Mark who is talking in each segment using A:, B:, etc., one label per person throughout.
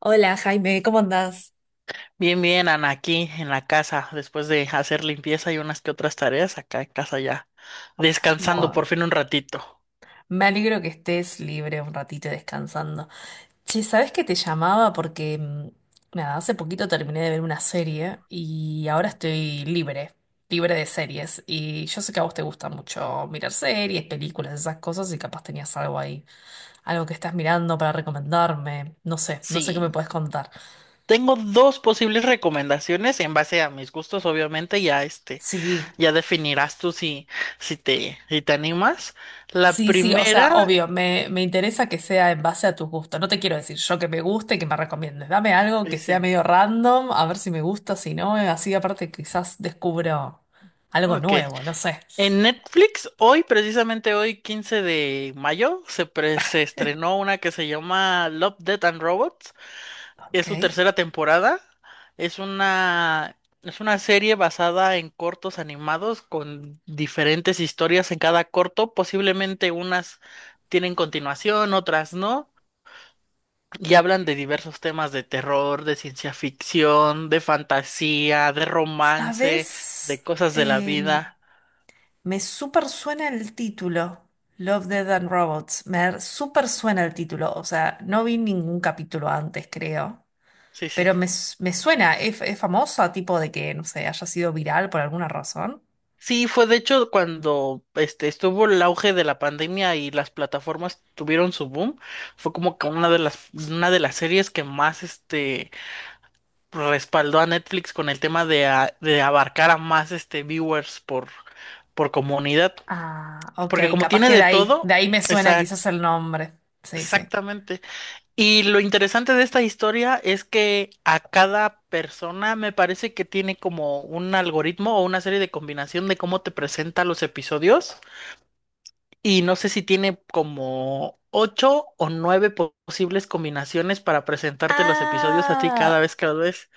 A: Hola Jaime, ¿cómo andás?
B: Bien, bien, Ana, aquí en la casa, después de hacer limpieza y unas que otras tareas, acá en casa ya, descansando por
A: Bueno,
B: fin un ratito.
A: me alegro que estés libre un ratito y descansando. Che, ¿sabes que te llamaba? Porque, nada, hace poquito terminé de ver una serie y ahora estoy libre, libre de series. Y yo sé que a vos te gusta mucho mirar series, películas, esas cosas y capaz tenías algo ahí, algo que estás mirando para recomendarme. No sé, no sé qué me
B: Sí,
A: puedes contar.
B: tengo dos posibles recomendaciones en base a mis gustos, obviamente, ya
A: Sí.
B: ya definirás tú si te animas. La
A: Sí, sí, o sea,
B: primera,
A: obvio, me interesa que sea en base a tus gustos. No te quiero decir yo que me guste, que me recomiendes. Dame algo que sea
B: dice,
A: medio random, a ver si me gusta, si no, así aparte quizás descubro algo
B: ok,
A: nuevo, no sé.
B: en Netflix, hoy, precisamente hoy, 15 de mayo, se estrenó una que se llama Love, Death and Robots.
A: Ok.
B: Es su tercera temporada. Es una serie basada en cortos animados con diferentes historias en cada corto. Posiblemente unas tienen continuación, otras no. Y hablan de diversos temas de terror, de ciencia ficción, de fantasía, de romance,
A: ¿Sabes?
B: de cosas de la
A: Eh,
B: vida.
A: Me súper suena el título, Love, Death and Robots. Me súper suena el título, o sea, no vi ningún capítulo antes, creo.
B: Sí, sí.
A: Pero me suena, es famosa, tipo de que, no sé, haya sido viral por alguna razón.
B: Sí, fue de hecho cuando estuvo el auge de la pandemia y las plataformas tuvieron su boom, fue como que una de las series que más respaldó a Netflix con el tema de abarcar a más viewers por comunidad,
A: Ah, ok,
B: porque como
A: capaz
B: tiene
A: que
B: de todo,
A: de ahí me suena
B: exac-
A: quizás el nombre. Sí, sí.
B: exactamente. Y lo interesante de esta historia es que a cada persona me parece que tiene como un algoritmo o una serie de combinación de cómo te presenta los episodios. Y no sé si tiene como ocho o nueve posibles combinaciones para presentarte los episodios a ti cada
A: Ah,
B: vez que los ves.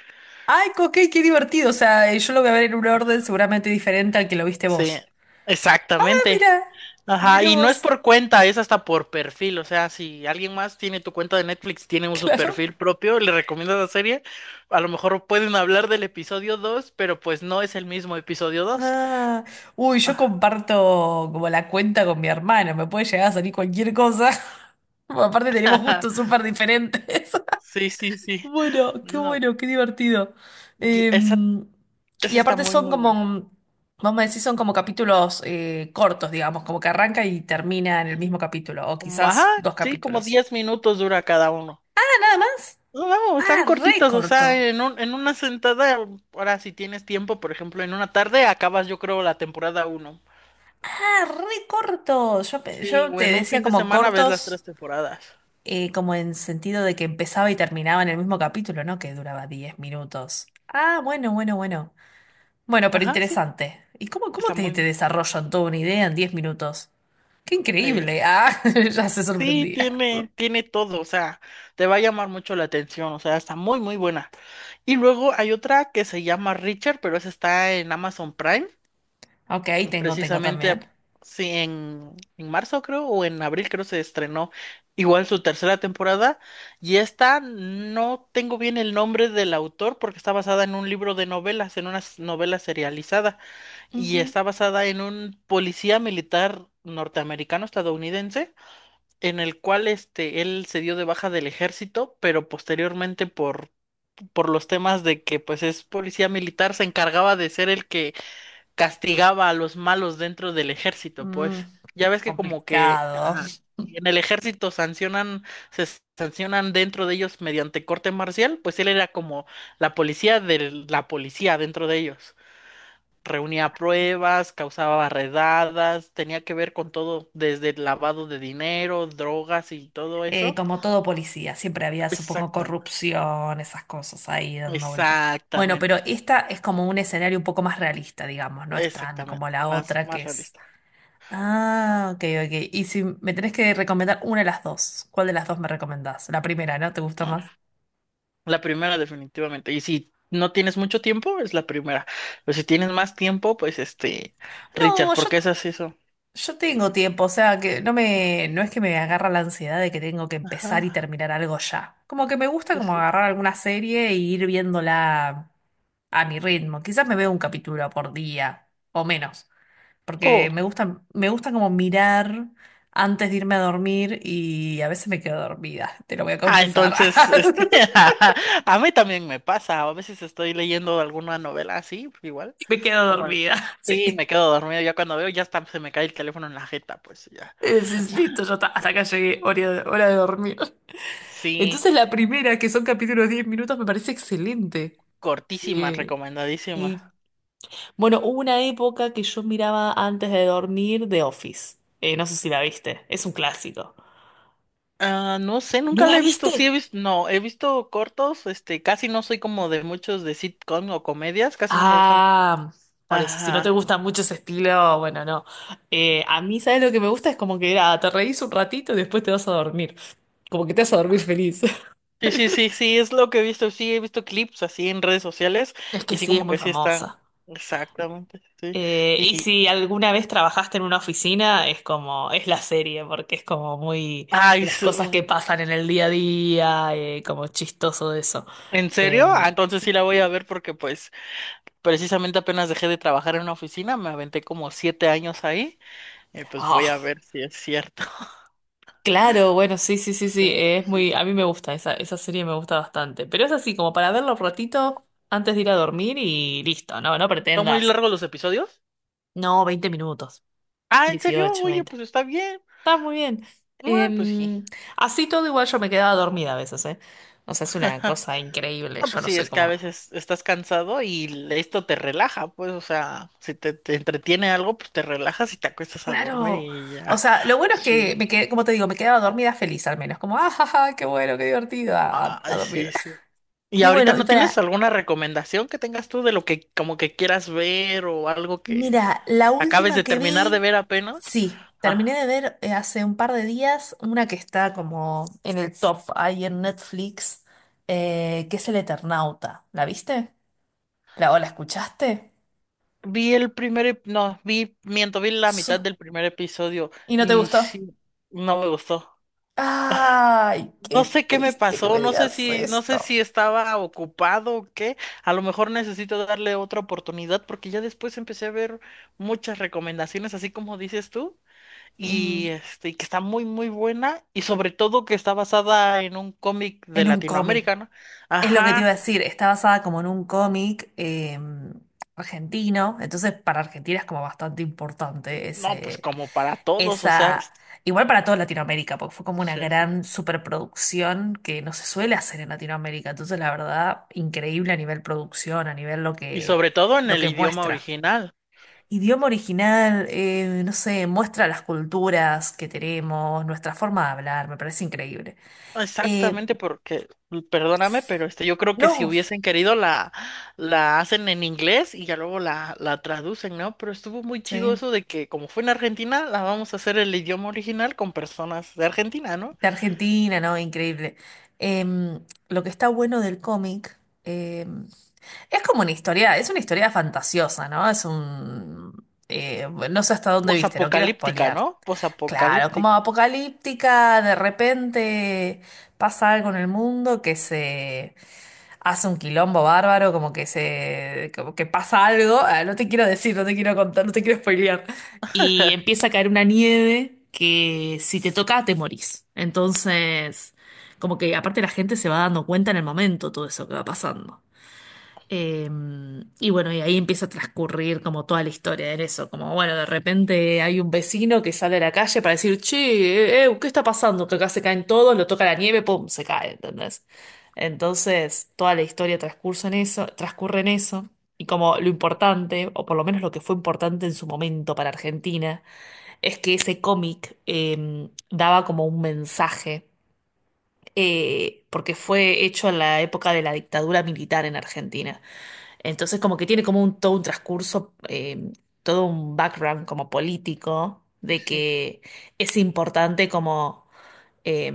A: ay, co- ok, qué divertido. O sea, yo lo voy a ver en un orden seguramente diferente al que lo viste
B: Sí,
A: vos. Ah,
B: exactamente.
A: mira,
B: Ajá,
A: mira
B: y no es
A: vos,
B: por cuenta, es hasta por perfil. O sea, si alguien más tiene tu cuenta de Netflix, tiene su
A: claro.
B: perfil propio, le recomiendas la serie, a lo mejor pueden hablar del episodio dos pero pues no es el mismo episodio dos.
A: Ah, uy, yo comparto como la cuenta con mi hermano, me puede llegar a salir cualquier cosa. Aparte tenemos gustos súper diferentes.
B: Sí, sí, sí. No,
A: Bueno, qué divertido.
B: y esa,
A: Em, y
B: esa está
A: aparte
B: muy,
A: son
B: muy buena.
A: como, vamos a decir son como capítulos cortos, digamos, como que arranca y termina en el mismo capítulo, o
B: Como, ajá,
A: quizás dos
B: sí, como
A: capítulos.
B: 10 minutos dura cada uno.
A: Ah, nada más.
B: No, no, están
A: Ah, re
B: cortitos, o
A: corto.
B: sea, en una sentada, ahora si tienes tiempo, por ejemplo, en una tarde acabas yo creo la temporada uno.
A: Ah, re corto. Yo, pe-
B: Sí,
A: yo
B: o
A: te
B: en un
A: decía
B: fin de
A: como
B: semana ves las
A: cortos,
B: tres temporadas.
A: como en sentido de que empezaba y terminaba en el mismo capítulo, ¿no? Que duraba 10 minutos. Ah, bueno, bueno, bueno. Bueno, pero
B: Ajá, sí,
A: interesante. ¿Y cómo, cómo
B: está
A: te,
B: muy
A: te
B: bien.
A: desarrollan toda una idea en 10 minutos? ¡Qué increíble!
B: es-
A: Ah, ya se
B: sí,
A: sorprendía.
B: tiene todo, o sea, te va a llamar mucho la atención, o sea, está muy, muy buena. Y luego hay otra que se llama Richard, pero esa está en Amazon Prime.
A: Ok, tengo
B: Precisamente,
A: también.
B: sí, en marzo creo, o en abril creo se estrenó igual su tercera temporada. Y esta no tengo bien el nombre del autor porque está basada en un libro de novelas, en una novela serializada. Y
A: Ujú.
B: está basada en un policía militar norteamericano estadounidense, en el cual él se dio de baja del ejército, pero posteriormente por los temas de que pues es policía militar, se encargaba de ser el que castigaba a los malos dentro del ejército,
A: Mm,
B: pues. Ya ves que como que
A: complicado.
B: ajá, en el ejército sancionan, se sancionan dentro de ellos mediante corte marcial, pues él era como la policía de la policía dentro de ellos. Reunía pruebas, causaba redadas, tenía que ver con todo, desde el lavado de dinero, drogas y todo eso.
A: Como todo policía, siempre había, supongo,
B: Exactamente,
A: corrupción, esas cosas ahí dando vuelta. Bueno, pero
B: exactamente,
A: esta es como un escenario un poco más realista, digamos, no es tan
B: exactamente,
A: como la
B: más,
A: otra que
B: más
A: es.
B: realista.
A: Ah, ok, ok. Y si me tenés que recomendar una de las dos, ¿cuál de las dos me recomendás? La primera, ¿no? ¿Te gusta más?
B: La primera, definitivamente. Y si no tienes mucho tiempo, es la primera. Pero si tienes más tiempo, pues Richard,
A: No,
B: ¿por
A: yo
B: qué haces eso?
A: Yo tengo tiempo, o sea, que no no es que me agarra la ansiedad de que tengo que empezar y
B: Ajá,
A: terminar algo ya. Como que me gusta
B: sí,
A: como
B: sí.
A: agarrar alguna serie e ir viéndola a mi ritmo. Quizás me veo un capítulo por día o menos, porque
B: Oh.
A: me gusta como mirar antes de irme a dormir y a veces me quedo dormida, te lo voy a
B: Ah,
A: confesar.
B: entonces, a mí también me pasa. A veces estoy leyendo alguna novela así, igual.
A: Me quedo
B: Pongo el-
A: dormida,
B: Sí, me
A: sí.
B: quedo dormido. Ya cuando veo, ya está, se me cae el teléfono en la jeta, pues ya.
A: Es listo, ya está, hasta acá llegué, hora de dormir.
B: Sí,
A: Entonces la primera, que son capítulos de 10 minutos, me parece excelente.
B: cortísima,
A: Eh,
B: recomendadísima.
A: y bueno, hubo una época que yo miraba antes de dormir The Office. No sé si la viste, es un clásico.
B: Ah, no sé,
A: ¿No
B: nunca la
A: la
B: he visto. Sí he
A: viste?
B: visto, no, he visto cortos, casi no soy como de muchos de sitcom o comedias, casi no me gustan.
A: Ah, por eso, si no te
B: Ajá.
A: gusta mucho ese estilo, bueno, no. A mí, ¿sabes lo que me gusta? Es como que ah, te reís un ratito y después te vas a dormir. Como que te vas a dormir feliz.
B: Sí, sí, sí, sí, es lo que he visto. Sí, he visto clips así en redes sociales
A: Es
B: y
A: que
B: sí
A: sí, es
B: como
A: muy
B: que sí están
A: famosa.
B: exactamente, sí.
A: Y
B: Y
A: si alguna vez trabajaste en una oficina, es como, es la serie, porque es como muy de
B: ay,
A: las cosas que
B: su-
A: pasan en el día a día, como chistoso de eso.
B: ¿en serio?
A: Eh,
B: Ah, entonces sí la voy a ver porque pues precisamente apenas dejé de trabajar en una oficina, me aventé como 7 años ahí, y pues voy a
A: ah,
B: ver si es cierto.
A: claro, bueno, sí, sí, sí, sí,
B: Sí,
A: es muy,
B: sí.
A: a mí me gusta, esa serie me gusta bastante, pero es así, como para verlo un ratito antes de ir a dormir y listo, no, no
B: ¿Son muy
A: pretendas.
B: largos los episodios?
A: No, 20 minutos,
B: Ah, ¿en serio?
A: 18
B: Oye,
A: veinte.
B: pues está bien.
A: Está muy bien.
B: Ah, pues sí.
A: Em, Así todo igual yo me quedaba dormida a veces, ¿eh? O sea, es una cosa increíble.
B: Ah,
A: Yo
B: pues
A: no
B: sí,
A: soy
B: es que a
A: como...
B: veces estás cansado y esto te relaja, pues, o sea, si te, te entretiene algo, pues te relajas y te acuestas a dormir
A: Claro.
B: y
A: O
B: ya.
A: sea, lo bueno es que
B: Sí.
A: me quedé, como te digo, me quedaba dormida feliz al menos. Como, ah, ja, ja, qué bueno, qué divertido
B: Ay,
A: dormir.
B: sí, sí. ¿Y
A: Y
B: ahorita
A: bueno, y
B: no tienes
A: para,
B: alguna recomendación que tengas tú de lo que como que quieras ver o algo que
A: mira, la
B: acabes
A: última
B: de
A: que
B: terminar de
A: vi,
B: ver apenas?
A: sí, terminé
B: Ah,
A: de ver hace un par de días una que está como en el top ahí en Netflix, que es El Eternauta. ¿La viste? ¿La, o la escuchaste?
B: vi el primer, ep- no, vi, miento, vi la mitad del primer episodio
A: Y no te
B: y
A: gustó.
B: sí, no me gustó.
A: Ay,
B: No
A: qué
B: sé qué me
A: triste que
B: pasó,
A: me
B: no sé
A: digas
B: no sé
A: esto.
B: si estaba ocupado o qué. A lo mejor necesito darle otra oportunidad porque ya después empecé a ver muchas recomendaciones, así como dices tú,
A: Mm,
B: y que está muy, muy buena y sobre todo que está basada en un cómic de
A: en un cómic.
B: Latinoamérica, ¿no?
A: Es lo que te iba
B: Ajá,
A: a decir, está basada como en un cómic argentino, entonces para Argentina es como bastante importante
B: no, pues como para todos, o sea,
A: esa, igual para toda Latinoamérica, porque fue como una
B: sí, sí.
A: gran superproducción que no se suele hacer en Latinoamérica, entonces la verdad, increíble a nivel producción, a nivel
B: Y sobre todo en
A: lo
B: el
A: que
B: idioma
A: muestra.
B: original.
A: Idioma original, no sé, muestra las culturas que tenemos, nuestra forma de hablar, me parece increíble. Eh,
B: Exactamente, porque, perdóname, pero yo creo que si
A: no,
B: hubiesen querido la hacen en inglés y ya luego la traducen, ¿no? Pero estuvo muy
A: sí,
B: chido eso de que como fue en Argentina, la vamos a hacer el idioma original con personas de Argentina, ¿no?
A: de Argentina, no, increíble. Lo que está bueno del cómic, es como una historia, fantasiosa, ¿no? Bueno, no sé hasta dónde viste, no quiero
B: Posapocalíptica,
A: spoilear.
B: ¿no?
A: Claro, como
B: Posapocalíptica.
A: apocalíptica, de repente pasa algo en el mundo que se hace un quilombo bárbaro, como que se, como que pasa algo, ah, no te quiero decir, no te quiero contar, no te quiero spoilear. Y empieza a caer una nieve que si te toca te morís. Entonces, como que aparte la gente se va dando cuenta en el momento todo eso que va pasando. Eh, y bueno, y ahí empieza a transcurrir como toda la historia en eso, como bueno, de repente hay un vecino que sale a la calle para decir, che, ¿qué está pasando? Que acá se caen todos, lo toca la nieve, pum, se cae, ¿entendés? Entonces, toda la historia transcurre en eso, y como lo importante, o por lo menos lo que fue importante en su momento para Argentina, es que ese cómic daba como un mensaje, porque fue hecho en la época de la dictadura militar en Argentina. Entonces como que tiene como todo un transcurso, todo un background como político,
B: Sí,
A: de
B: sí.
A: que es importante como, eh,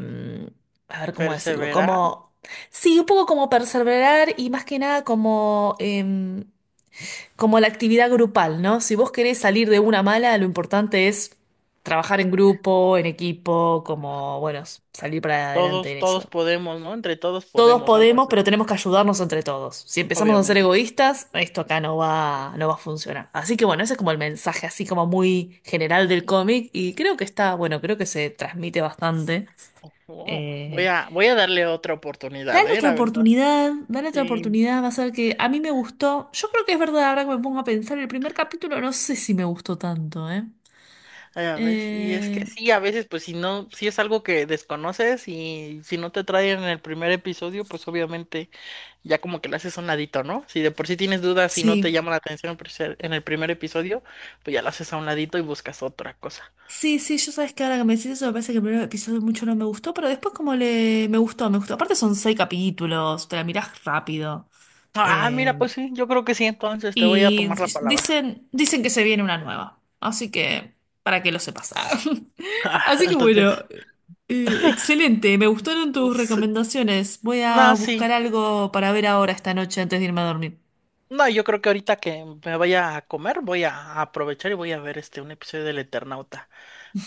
A: a ver cómo decirlo,
B: Perseverar.
A: como, sí, un poco como perseverar y más que nada como la actividad grupal, ¿no? Si vos querés salir de una mala, lo importante es trabajar en
B: Sí, sí.
A: grupo, en equipo, como, bueno, salir para adelante
B: Todos,
A: en
B: todos
A: eso.
B: podemos, ¿no? Entre todos
A: Todos
B: podemos, algo
A: podemos,
B: así,
A: pero tenemos que ayudarnos entre todos. Si empezamos a ser
B: obviamente.
A: egoístas, esto acá no va a funcionar. Así que bueno, ese es como el mensaje así como muy general del cómic y creo que está, bueno, creo que se transmite bastante.
B: Oh, wow. Voy
A: Eh,
B: a, voy a darle otra oportunidad,
A: Dale
B: ¿eh?
A: otra
B: La verdad.
A: oportunidad, dale otra
B: Sí.
A: oportunidad, va a ser que a mí me gustó. Yo creo que es verdad, ahora que me pongo a pensar, el primer capítulo no sé si me gustó tanto, ¿eh?
B: Ya ves, y es que
A: Eh,
B: sí, a veces, pues si no, si es algo que desconoces y si no te traen en el primer episodio, pues obviamente ya como que le haces a un ladito, ¿no? Si de por sí tienes dudas y no te
A: sí.
B: llama la atención en en el primer episodio, pues ya lo haces a un ladito y buscas otra cosa.
A: Sí, sí, yo sabes que ahora que me decís eso, me parece que el primer episodio mucho no me gustó, pero después como le me gustó, me gustó. Aparte son seis capítulos, te la mirás rápido.
B: Ah,
A: Eh,
B: mira, pues sí, yo creo que sí, entonces te voy a
A: y
B: tomar la palabra.
A: dicen que se viene una nueva. Así que, para que lo sepas. Así que
B: Entonces,
A: bueno, excelente, me gustaron tus
B: sí.
A: recomendaciones. Voy a
B: No,
A: buscar
B: sí,
A: algo para ver ahora esta noche antes de irme a dormir.
B: no, yo creo que ahorita que me vaya a comer, voy a aprovechar y voy a ver un episodio del Eternauta.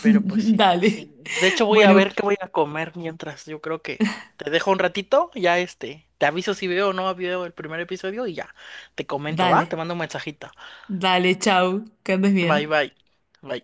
B: Pero pues sí,
A: Dale.
B: sí. De hecho, voy a
A: Bueno,
B: ver qué voy a comer mientras. Yo creo que te dejo un ratito, ya Te aviso si veo o no veo el primer episodio y ya. Te comento,
A: dale.
B: ¿va? Te mando un mensajito.
A: Dale, chau, que andes bien.
B: Bye, bye. Bye.